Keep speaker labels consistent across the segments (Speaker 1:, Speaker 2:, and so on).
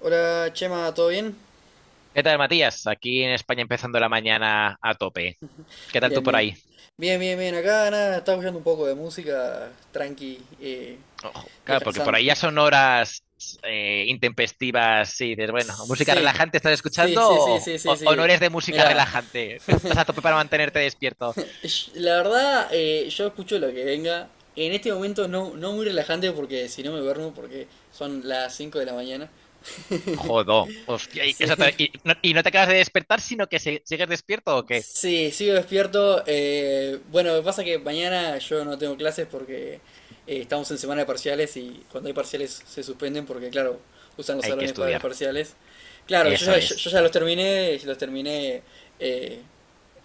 Speaker 1: Hola Chema, ¿todo bien?
Speaker 2: ¿Qué tal, Matías? Aquí en España empezando la mañana a tope. ¿Qué tal tú
Speaker 1: Bien,
Speaker 2: por
Speaker 1: bien.
Speaker 2: ahí?
Speaker 1: Bien, bien, bien. Acá nada, estaba escuchando un poco de música, tranqui,
Speaker 2: Ojo, claro, porque por
Speaker 1: descansando.
Speaker 2: ahí ya son horas intempestivas. Sí, dices, bueno, ¿música
Speaker 1: Sí,
Speaker 2: relajante estás
Speaker 1: sí,
Speaker 2: escuchando
Speaker 1: sí, sí,
Speaker 2: o,
Speaker 1: sí, sí,
Speaker 2: o- o no
Speaker 1: sí.
Speaker 2: eres de música
Speaker 1: Mira,
Speaker 2: relajante? Estás a tope para mantenerte despierto.
Speaker 1: la verdad, yo escucho lo que venga. En este momento no, no muy relajante porque si no me duermo porque son las 5 de la mañana.
Speaker 2: Jodo, hostia, y, eso
Speaker 1: Sí.
Speaker 2: te- y no te acabas de despertar, sino que sigues despierto o qué?
Speaker 1: Sí, sigo despierto. Bueno, me pasa que mañana yo no tengo clases porque estamos en semana de parciales y cuando hay parciales se suspenden porque, claro, usan los
Speaker 2: Hay que
Speaker 1: salones para los
Speaker 2: estudiar.
Speaker 1: parciales. Claro, yo
Speaker 2: Eso
Speaker 1: ya, yo,
Speaker 2: es.
Speaker 1: yo ya los terminé, eh,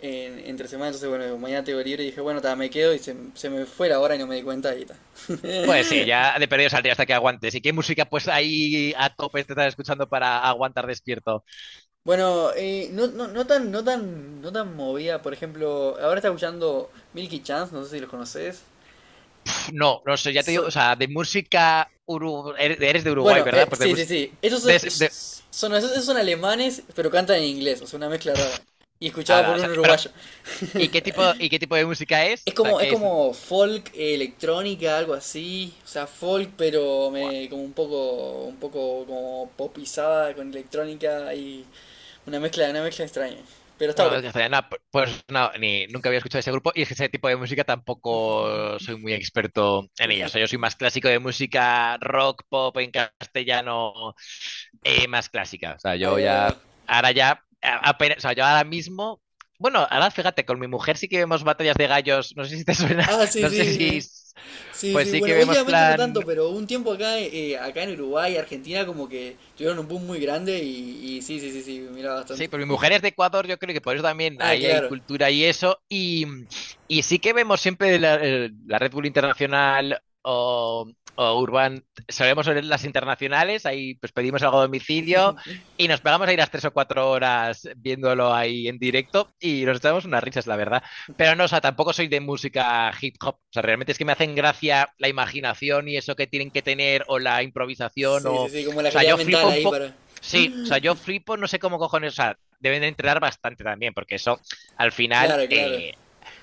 Speaker 1: entre semana, entonces, bueno, mañana tengo libre y dije, bueno, ta, me quedo y se me fue la hora y no me di cuenta y ta.
Speaker 2: Pues sí, ya de perdido saldría hasta que aguantes. ¿Y qué música pues ahí a tope te estás escuchando para aguantar despierto?
Speaker 1: Bueno, no, no, no tan, no tan, no tan movida, por ejemplo, ahora está escuchando Milky Chance, no sé si los conoces.
Speaker 2: No, no sé, ya te digo,
Speaker 1: So.
Speaker 2: o sea, de música, eres de Uruguay,
Speaker 1: Bueno,
Speaker 2: ¿verdad? Pues de
Speaker 1: sí, sí,
Speaker 2: música...
Speaker 1: sí. Ellos son, esos son alemanes, pero cantan en inglés, o sea, una mezcla rara. Y escuchado
Speaker 2: nada,
Speaker 1: por
Speaker 2: o
Speaker 1: un
Speaker 2: sea, pero,
Speaker 1: uruguayo.
Speaker 2: y qué tipo de música es?
Speaker 1: Es
Speaker 2: O sea,
Speaker 1: como, es
Speaker 2: ¿qué es?
Speaker 1: como folk, electrónica, algo así. O sea, folk, pero
Speaker 2: Buah,
Speaker 1: como un poco como popizada con electrónica y una mezcla extraña. Pero está
Speaker 2: una
Speaker 1: bueno.
Speaker 2: vez castellana, pues no, ni, nunca había escuchado ese grupo y es que ese tipo de música tampoco soy muy experto en ella. O sea, yo soy más clásico de música rock, pop en castellano, más clásica. O sea,
Speaker 1: Ahí
Speaker 2: yo
Speaker 1: va, ahí
Speaker 2: ya,
Speaker 1: va.
Speaker 2: ahora ya, apenas, o sea, yo ahora mismo... Bueno, ahora fíjate, con mi mujer sí que vemos batallas de gallos. No sé si te suena,
Speaker 1: Ah, sí,
Speaker 2: no sé
Speaker 1: sí,
Speaker 2: si
Speaker 1: sí. Sí,
Speaker 2: pues
Speaker 1: sí.
Speaker 2: sí que
Speaker 1: Bueno,
Speaker 2: vemos
Speaker 1: últimamente no
Speaker 2: plan.
Speaker 1: tanto, pero un tiempo acá en Uruguay, Argentina, como que tuvieron un boom muy grande y sí, sí, sí, sí, miraba
Speaker 2: Sí,
Speaker 1: bastante.
Speaker 2: pero mi mujer es de Ecuador, yo creo que por eso también
Speaker 1: Ah,
Speaker 2: ahí hay
Speaker 1: claro.
Speaker 2: cultura y eso. Y sí que vemos siempre la, la Red Bull Internacional o Urban, solemos ver las internacionales, ahí pues pedimos algo a domicilio y nos pegamos ahí las 3 o cuatro horas viéndolo ahí en directo y nos echamos unas risas, la verdad. Pero no, o sea, tampoco soy de música hip hop, o sea, realmente es que me hacen gracia la imaginación y eso que tienen que tener o la improvisación
Speaker 1: Sí, sí,
Speaker 2: o
Speaker 1: sí, como la
Speaker 2: sea,
Speaker 1: agilidad
Speaker 2: yo
Speaker 1: mental
Speaker 2: flipo un
Speaker 1: ahí
Speaker 2: poco.
Speaker 1: para.
Speaker 2: Sí, o sea, yo flipo, no sé cómo cojones, o sea, deben de entrenar bastante también, porque eso al final,
Speaker 1: Claro, claro.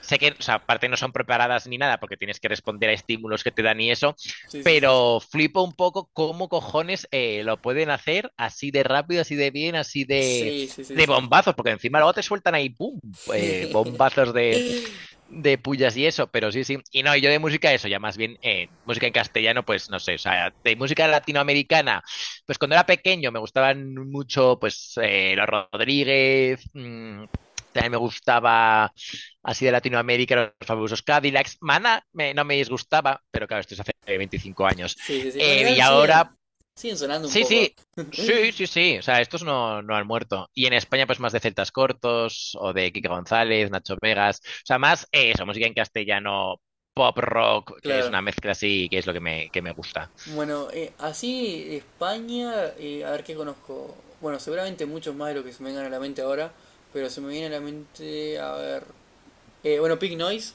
Speaker 2: sé que, o sea, aparte no son preparadas ni nada, porque tienes que responder a estímulos que te dan y eso,
Speaker 1: Sí, sí, sí.
Speaker 2: pero flipo un poco cómo cojones lo pueden hacer así de rápido, así de bien, así
Speaker 1: Sí, sí, sí,
Speaker 2: de
Speaker 1: sí.
Speaker 2: bombazos, porque encima luego te sueltan ahí, ¡pum!,
Speaker 1: Sí,
Speaker 2: bombazos de pullas y eso, pero sí, sí. Y no, y yo de música eso, ya más bien música en castellano, pues no sé, o sea, de música latinoamericana, pues cuando era pequeño me gustaban mucho, pues, los Rodríguez, también me gustaba así de Latinoamérica, los fabulosos Cadillacs. Maná me, no me disgustaba, pero claro, esto es hace 25 años.
Speaker 1: sí, sí. Sí. Bueno,
Speaker 2: Y
Speaker 1: igual
Speaker 2: ahora,
Speaker 1: siguen sonando un
Speaker 2: sí,
Speaker 1: poco.
Speaker 2: sí, sí, sí, sí. O sea, estos no, no han muerto. Y en España, pues más de Celtas Cortos o de Kike González, Nacho Vegas. O sea, más eso, música en castellano, pop rock, que es
Speaker 1: Claro.
Speaker 2: una mezcla así, que es lo que me gusta.
Speaker 1: Bueno, así España, a ver qué conozco. Bueno, seguramente muchos más de lo que se me vengan a la mente ahora, pero se me viene a la mente, a ver. Bueno, Pink Noise.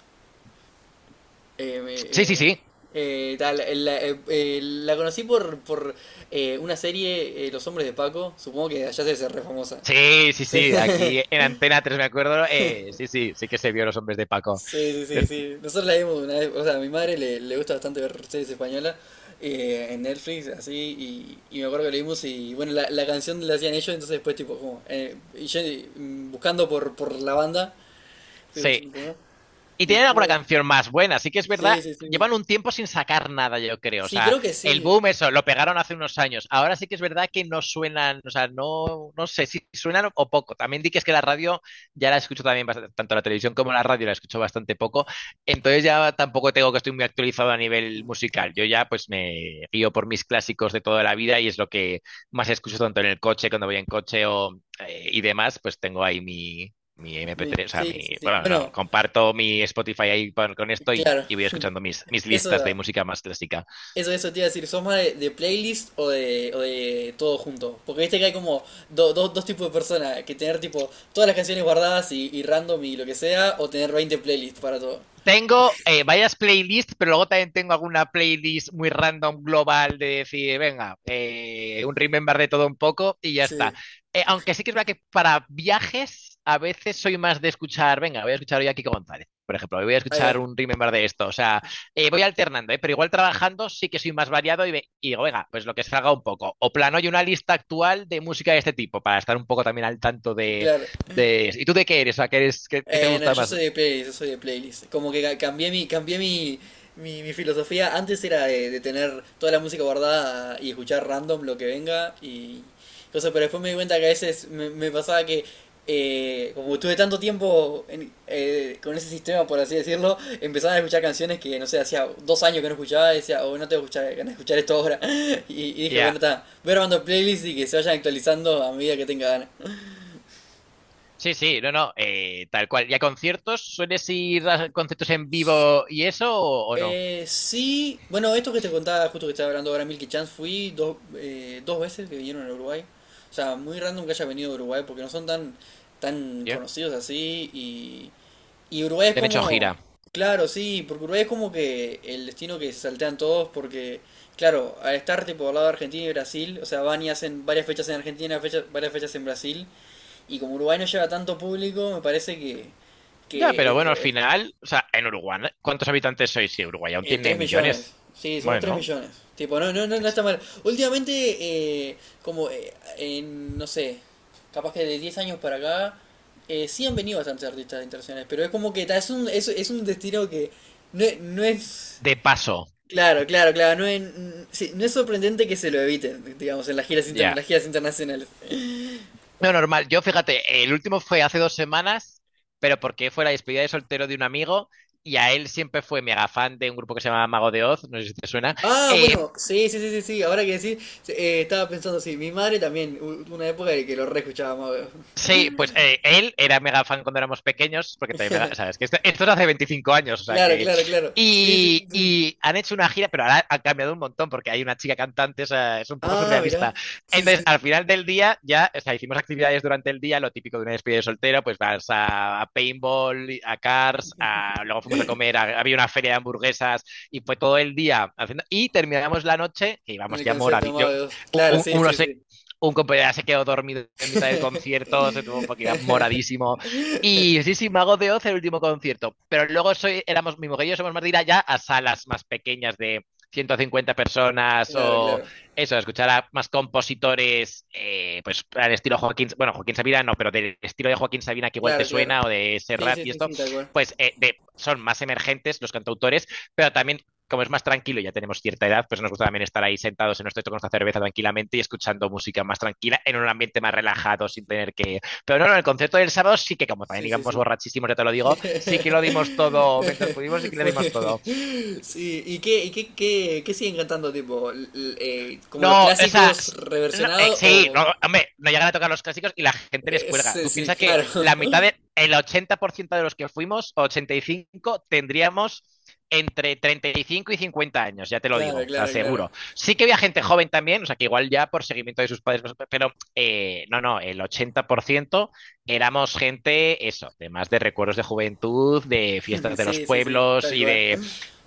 Speaker 1: eh,
Speaker 2: Sí, sí,
Speaker 1: me- eh,
Speaker 2: sí.
Speaker 1: la conocí por, por una serie, Los Hombres de Paco. Supongo que allá se hace re famosa.
Speaker 2: Sí, sí,
Speaker 1: Sí,
Speaker 2: sí. Aquí en Antena 3 me acuerdo. Sí, sí, sí que se vio Los Hombres de Paco.
Speaker 1: sí, sí, sí, sí. Nosotros la vimos una vez, o sea, a mi madre le gusta bastante ver series españolas en Netflix, así, y me acuerdo que la vimos y bueno, la canción la hacían ellos, entonces después tipo, como, y yo buscando por la banda, fui
Speaker 2: Sí.
Speaker 1: escuchando un poco,
Speaker 2: Y tienen alguna
Speaker 1: después,
Speaker 2: canción más buena, así que es verdad,
Speaker 1: sí, sí, sí,
Speaker 2: llevan un tiempo sin sacar nada, yo creo. O
Speaker 1: sí,
Speaker 2: sea,
Speaker 1: creo que
Speaker 2: el
Speaker 1: sí.
Speaker 2: boom, eso, lo pegaron hace unos años. Ahora sí que es verdad que no suenan, o sea, no, no sé si suenan o poco. También di que es que la radio ya la escucho también, bastante, tanto la televisión como la radio la escucho bastante poco. Entonces ya tampoco tengo que estoy muy actualizado a nivel musical. Yo ya pues me guío por mis clásicos de toda la vida y es lo que más escucho tanto en el coche, cuando voy en coche o, y demás, pues tengo ahí mi, mi MP3, o sea,
Speaker 1: Sí,
Speaker 2: mi,
Speaker 1: sí, sí,
Speaker 2: bueno, no,
Speaker 1: bueno,
Speaker 2: comparto mi Spotify ahí con esto
Speaker 1: claro,
Speaker 2: y voy escuchando mis, mis listas de
Speaker 1: eso.
Speaker 2: música más clásica.
Speaker 1: Eso te iba a decir, ¿sos más de playlist o de todo junto? Porque viste que hay como dos tipos de personas, que tener tipo todas las canciones guardadas y random y lo que sea, o tener 20 playlists para todo.
Speaker 2: Tengo varias playlists, pero luego también tengo alguna playlist muy random global de decir, venga, un remember de todo un poco y ya está.
Speaker 1: Sí.
Speaker 2: Aunque sí que es verdad que para viajes a veces soy más de escuchar, venga, voy a escuchar hoy a Kiko González, por ejemplo, hoy voy a
Speaker 1: Ahí va,
Speaker 2: escuchar un remember de esto, o sea, voy alternando, ¿eh? Pero igual trabajando sí que soy más variado y, y digo, venga, pues lo que salga un poco. O plano y una lista actual de música de este tipo para estar un poco también al tanto
Speaker 1: claro.
Speaker 2: de... ¿Y tú de qué eres? O sea, ¿qué, eres, qué, qué te
Speaker 1: No,
Speaker 2: gusta
Speaker 1: yo
Speaker 2: más?
Speaker 1: soy de playlist, yo soy de playlist. Como que cambié mi filosofía. Antes era de tener toda la música guardada y escuchar random lo que venga y cosas, pero después me di cuenta que a veces me pasaba que como estuve tanto tiempo con ese sistema, por así decirlo, empezaba a escuchar canciones que, no sé, hacía 2 años que no escuchaba y decía, oh, no tengo que escuchar, ganas de escuchar esto ahora. Y dije, bueno,
Speaker 2: Ya.
Speaker 1: está, voy armando playlists y que se vayan actualizando a medida que tenga ganas.
Speaker 2: Sí, sí, no, no, tal cual. ¿Y a conciertos? ¿Sueles ir a conciertos en vivo y eso o no?
Speaker 1: Sí, bueno, esto que te contaba, justo que estaba hablando ahora, Milky Chance, fui dos veces que vinieron a Uruguay. O sea, muy random que haya venido a Uruguay porque no son tan, tan
Speaker 2: Ya.
Speaker 1: conocidos así. Y Uruguay es
Speaker 2: Ya han hecho
Speaker 1: como,
Speaker 2: gira.
Speaker 1: claro, sí, porque Uruguay es como que el destino que se saltean todos porque, claro, al estar tipo al lado de Argentina y Brasil, o sea, van y hacen varias fechas en Argentina, varias fechas en Brasil. Y como Uruguay no lleva tanto público, me parece que,
Speaker 2: Ya,
Speaker 1: que
Speaker 2: pero
Speaker 1: es
Speaker 2: bueno,
Speaker 1: eso.
Speaker 2: al final, o sea, en Uruguay, ¿cuántos habitantes sois? Si Uruguay aún tiene
Speaker 1: 3 millones.
Speaker 2: millones.
Speaker 1: Sí, somos 3
Speaker 2: Bueno,
Speaker 1: millones. Tipo, no, no, no, no
Speaker 2: es-
Speaker 1: está mal. Últimamente, eh, como, en, no sé, capaz que de 10 años para acá, sí han venido bastantes artistas internacionales, pero es como que ta, es un destino que no es.
Speaker 2: de paso,
Speaker 1: Claro, claro, claro, sí, no es sorprendente que se lo eviten, digamos, en las giras,
Speaker 2: ya.
Speaker 1: las giras internacionales.
Speaker 2: No, normal. Yo, fíjate, el último fue hace dos semanas, pero porque fue la despedida de soltero de un amigo y a él siempre fue mega fan de un grupo que se llama Mago de Oz, no sé si te suena.
Speaker 1: Ah,
Speaker 2: Eh,
Speaker 1: bueno, sí, sí, sí, sí, sí, ahora que decís, estaba pensando, sí, mi madre también, una época de que lo re escuchábamos.
Speaker 2: Sí, pues él era mega fan cuando éramos pequeños, porque también, mega, sabes que esto es hace 25 años, o sea
Speaker 1: Claro,
Speaker 2: que...
Speaker 1: claro, claro. Sí, sí, sí,
Speaker 2: Y,
Speaker 1: sí.
Speaker 2: y han hecho una gira, pero ahora han cambiado un montón, porque hay una chica cantante, o sea, es un poco
Speaker 1: Ah, mira.
Speaker 2: surrealista.
Speaker 1: Sí,
Speaker 2: Entonces,
Speaker 1: sí.
Speaker 2: al final del día, ya, o sea, hicimos actividades durante el día, lo típico de una despedida de soltero, pues vas a paintball, a cars, a, luego fuimos a comer, había una feria de hamburguesas, y fue todo el día haciendo... Y terminamos la noche, que
Speaker 1: En
Speaker 2: íbamos
Speaker 1: el
Speaker 2: ya
Speaker 1: concierto de Amado Dios.
Speaker 2: u-
Speaker 1: Claro,
Speaker 2: u-
Speaker 1: sí, sí, sí.
Speaker 2: un compañero se quedó dormido en mitad del concierto, se tuvo porque iba moradísimo. Y sí, sí, Mago de Oz el último concierto. Pero luego soy, éramos, mi mujer y yo somos más de ir allá a salas más pequeñas de 150 personas
Speaker 1: Claro,
Speaker 2: o
Speaker 1: claro.
Speaker 2: eso, escuchar a más compositores, pues al estilo Joaquín, bueno, Joaquín Sabina no, pero del estilo de Joaquín Sabina que igual te
Speaker 1: Claro, claro.
Speaker 2: suena o de
Speaker 1: Sí,
Speaker 2: Serrat
Speaker 1: sí,
Speaker 2: y
Speaker 1: sí,
Speaker 2: esto,
Speaker 1: sí, tal cual.
Speaker 2: pues de, son más emergentes los cantautores, pero también como es más tranquilo, ya tenemos cierta edad, pues nos gusta también estar ahí sentados en nuestro techo con nuestra cerveza tranquilamente y escuchando música más tranquila en un ambiente más relajado sin tener que... Pero no, no, el concierto del sábado sí que como también
Speaker 1: Sí, sí,
Speaker 2: íbamos
Speaker 1: sí.
Speaker 2: borrachísimos, ya te lo digo, sí que lo dimos todo, mientras pudimos sí que le dimos
Speaker 1: Fue-
Speaker 2: todo.
Speaker 1: Sí, ¿qué siguen cantando, tipo? ¿Como los
Speaker 2: No, o sea,
Speaker 1: clásicos
Speaker 2: no,
Speaker 1: reversionados
Speaker 2: sí,
Speaker 1: o?
Speaker 2: no, hombre, no llegan a tocar los clásicos y la gente les cuelga.
Speaker 1: Sí,
Speaker 2: Tú
Speaker 1: sí,
Speaker 2: piensas que
Speaker 1: claro.
Speaker 2: la mitad de, el 80% de los que fuimos, 85, tendríamos entre 35 y 50 años, ya te lo digo,
Speaker 1: Claro,
Speaker 2: o sea,
Speaker 1: claro, claro.
Speaker 2: seguro. Sí que había gente joven también, o sea, que igual ya por seguimiento de sus padres, no sé, pero no, no, el 80% éramos gente, eso, de más de recuerdos de juventud, de fiestas de los
Speaker 1: Sí, sí, sí,
Speaker 2: pueblos
Speaker 1: tal cual.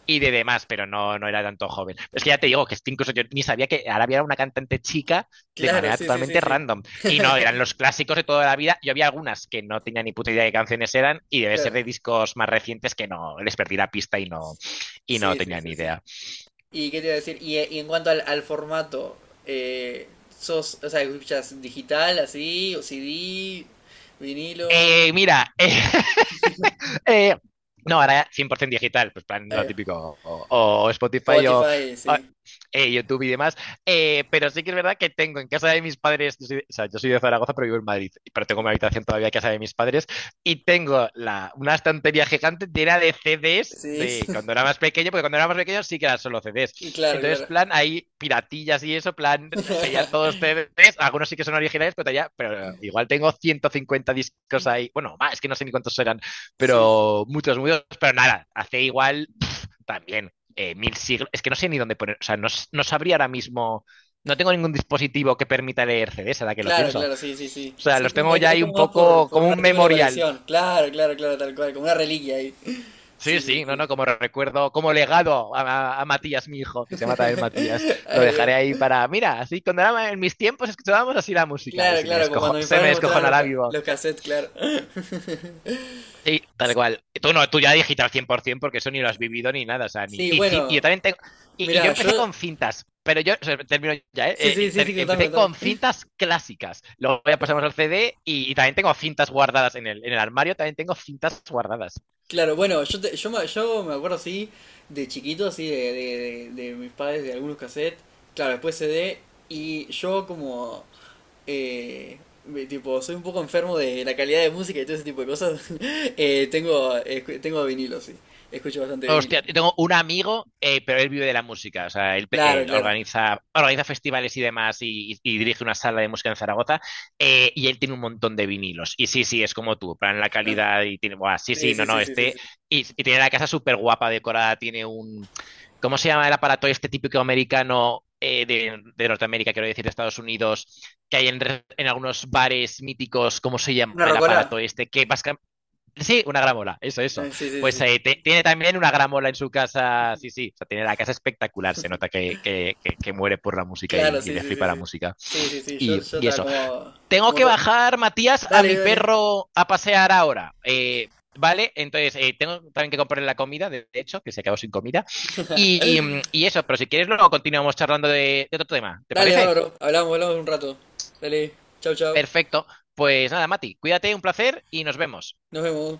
Speaker 2: y de demás, pero no, no era tanto joven. Es que ya te digo que es que incluso yo ni sabía que Arabia era una cantante chica de
Speaker 1: Claro,
Speaker 2: manera
Speaker 1: sí, sí, sí,
Speaker 2: totalmente
Speaker 1: sí.
Speaker 2: random. Y no, eran los clásicos de toda la vida. Yo había algunas que no tenía ni puta idea de qué canciones eran y debe ser
Speaker 1: Claro.
Speaker 2: de discos más recientes que no les perdí la pista y no
Speaker 1: Sí, sí,
Speaker 2: tenía ni
Speaker 1: sí, sí.
Speaker 2: idea.
Speaker 1: ¿Y qué te iba a decir? Y en cuanto al formato, eh, ¿sos, o sea, escuchas digital así, o CD, vinilo,
Speaker 2: Eh, mira, eh, Eh, no, ahora 100% digital, pues plan lo
Speaker 1: eh,
Speaker 2: típico, o Spotify o,
Speaker 1: Spotify, sí?
Speaker 2: YouTube y demás. Pero sí que es verdad que tengo en casa de mis padres, yo soy o sea, yo soy de Zaragoza, pero vivo en Madrid, pero tengo mi habitación todavía en casa de mis padres y tengo la, una estantería gigante llena de CDs
Speaker 1: Sí,
Speaker 2: de
Speaker 1: sí,
Speaker 2: cuando era más pequeño, porque cuando era más pequeño sí que eran solo CDs.
Speaker 1: claro,
Speaker 2: Entonces,
Speaker 1: claro.
Speaker 2: plan, hay piratillas y eso, plan, tenía todos CDs, algunos sí que son originales, pero, pero igual tengo 150 discos ahí, bueno, más, es que no sé ni cuántos eran
Speaker 1: Sí, sí.
Speaker 2: pero muchos, muchos, pero nada, hace igual también mil siglos. Es que no sé ni dónde poner, o sea, no, no sabría ahora mismo, no tengo ningún dispositivo que permita leer CDs, ahora que lo
Speaker 1: Claro,
Speaker 2: pienso.
Speaker 1: claro, sí, sí, sí.
Speaker 2: O sea,
Speaker 1: Sí, es
Speaker 2: los
Speaker 1: como,
Speaker 2: tengo
Speaker 1: es,
Speaker 2: ya
Speaker 1: es
Speaker 2: ahí
Speaker 1: como
Speaker 2: un
Speaker 1: más por,
Speaker 2: poco
Speaker 1: por
Speaker 2: como
Speaker 1: un
Speaker 2: un
Speaker 1: artículo de
Speaker 2: memorial.
Speaker 1: colección. Claro, claro, claro, tal cual, como una reliquia ahí. Sí,
Speaker 2: Sí,
Speaker 1: sí,
Speaker 2: sí, no,
Speaker 1: sí.
Speaker 2: no, como recuerdo, como legado a Matías, mi hijo, que se llama también Matías. Lo
Speaker 1: Ay, Dios.
Speaker 2: dejaré ahí para, mira, así cuando era en mis tiempos escuchábamos así la música y
Speaker 1: Claro,
Speaker 2: se me,
Speaker 1: claro, como
Speaker 2: escojo,
Speaker 1: cuando mis
Speaker 2: se me
Speaker 1: padres mostraban los,
Speaker 2: descojonará vivo.
Speaker 1: los cassettes, claro.
Speaker 2: Sí, tal cual. Tú no, tú ya digital 100% porque eso ni lo has vivido ni nada. O sea, ni,
Speaker 1: Sí,
Speaker 2: y, y yo
Speaker 1: bueno,
Speaker 2: también tengo. Y yo
Speaker 1: mira, yo.
Speaker 2: empecé con cintas, pero yo, o sea, termino ya, ¿eh?
Speaker 1: Sí, sí, sí, sí, contame,
Speaker 2: Empecé con
Speaker 1: contame.
Speaker 2: cintas clásicas. Luego ya pasamos al CD y también tengo cintas guardadas en el armario, también tengo cintas guardadas.
Speaker 1: Claro, bueno, yo me acuerdo así, de chiquito, así, de mis padres, de algunos cassettes, claro, después CD, y yo como, eh, tipo, soy un poco enfermo de la calidad de música y todo ese tipo de cosas, tengo vinilo, sí, escucho bastante
Speaker 2: Hostia,
Speaker 1: vinilo.
Speaker 2: yo tengo un amigo, pero él vive de la música, o sea, él,
Speaker 1: Claro,
Speaker 2: él
Speaker 1: claro.
Speaker 2: organiza, organiza festivales y demás y, y dirige una sala de música en Zaragoza y él tiene un montón de vinilos. Y sí, sí, es como tú, plan la
Speaker 1: Ah,
Speaker 2: calidad y tiene, buah, sí,
Speaker 1: sí,
Speaker 2: sí, no,
Speaker 1: sí,
Speaker 2: no,
Speaker 1: sí, sí, sí.
Speaker 2: este,
Speaker 1: Sí.
Speaker 2: y tiene la casa súper guapa decorada, tiene un, ¿cómo se llama el aparato este típico americano de Norteamérica, quiero decir, de Estados Unidos, que hay en, en algunos bares míticos, ¿cómo se llama
Speaker 1: ¿Una
Speaker 2: el
Speaker 1: rocola?
Speaker 2: aparato este? Que vas sí, una gramola, eso, eso.
Speaker 1: Sí, sí, sí.
Speaker 2: Pues
Speaker 1: Sí.
Speaker 2: tiene también una gramola en su casa, sí, sí, o sea, tiene la casa espectacular, se nota que, que muere por la música
Speaker 1: Claro,
Speaker 2: y
Speaker 1: sí,
Speaker 2: le
Speaker 1: sí, sí,
Speaker 2: flipa la
Speaker 1: sí.
Speaker 2: música.
Speaker 1: Sí, sí, sí, yo, yo
Speaker 2: Y
Speaker 1: estaba
Speaker 2: eso.
Speaker 1: como,
Speaker 2: Tengo
Speaker 1: como
Speaker 2: que
Speaker 1: todo.
Speaker 2: bajar, Matías, a
Speaker 1: Dale,
Speaker 2: mi
Speaker 1: dale.
Speaker 2: perro a pasear ahora. ¿Vale? Entonces, tengo también que comprarle la comida, de hecho, que se quedó sin comida. Y, y eso, pero si quieres, luego continuamos charlando de otro tema, ¿te
Speaker 1: Dale,
Speaker 2: parece?
Speaker 1: bárbaro. Hablamos, hablamos en un rato. Dale, chao, chao.
Speaker 2: Perfecto. Pues nada, Mati, cuídate, un placer y nos vemos.
Speaker 1: Nos vemos.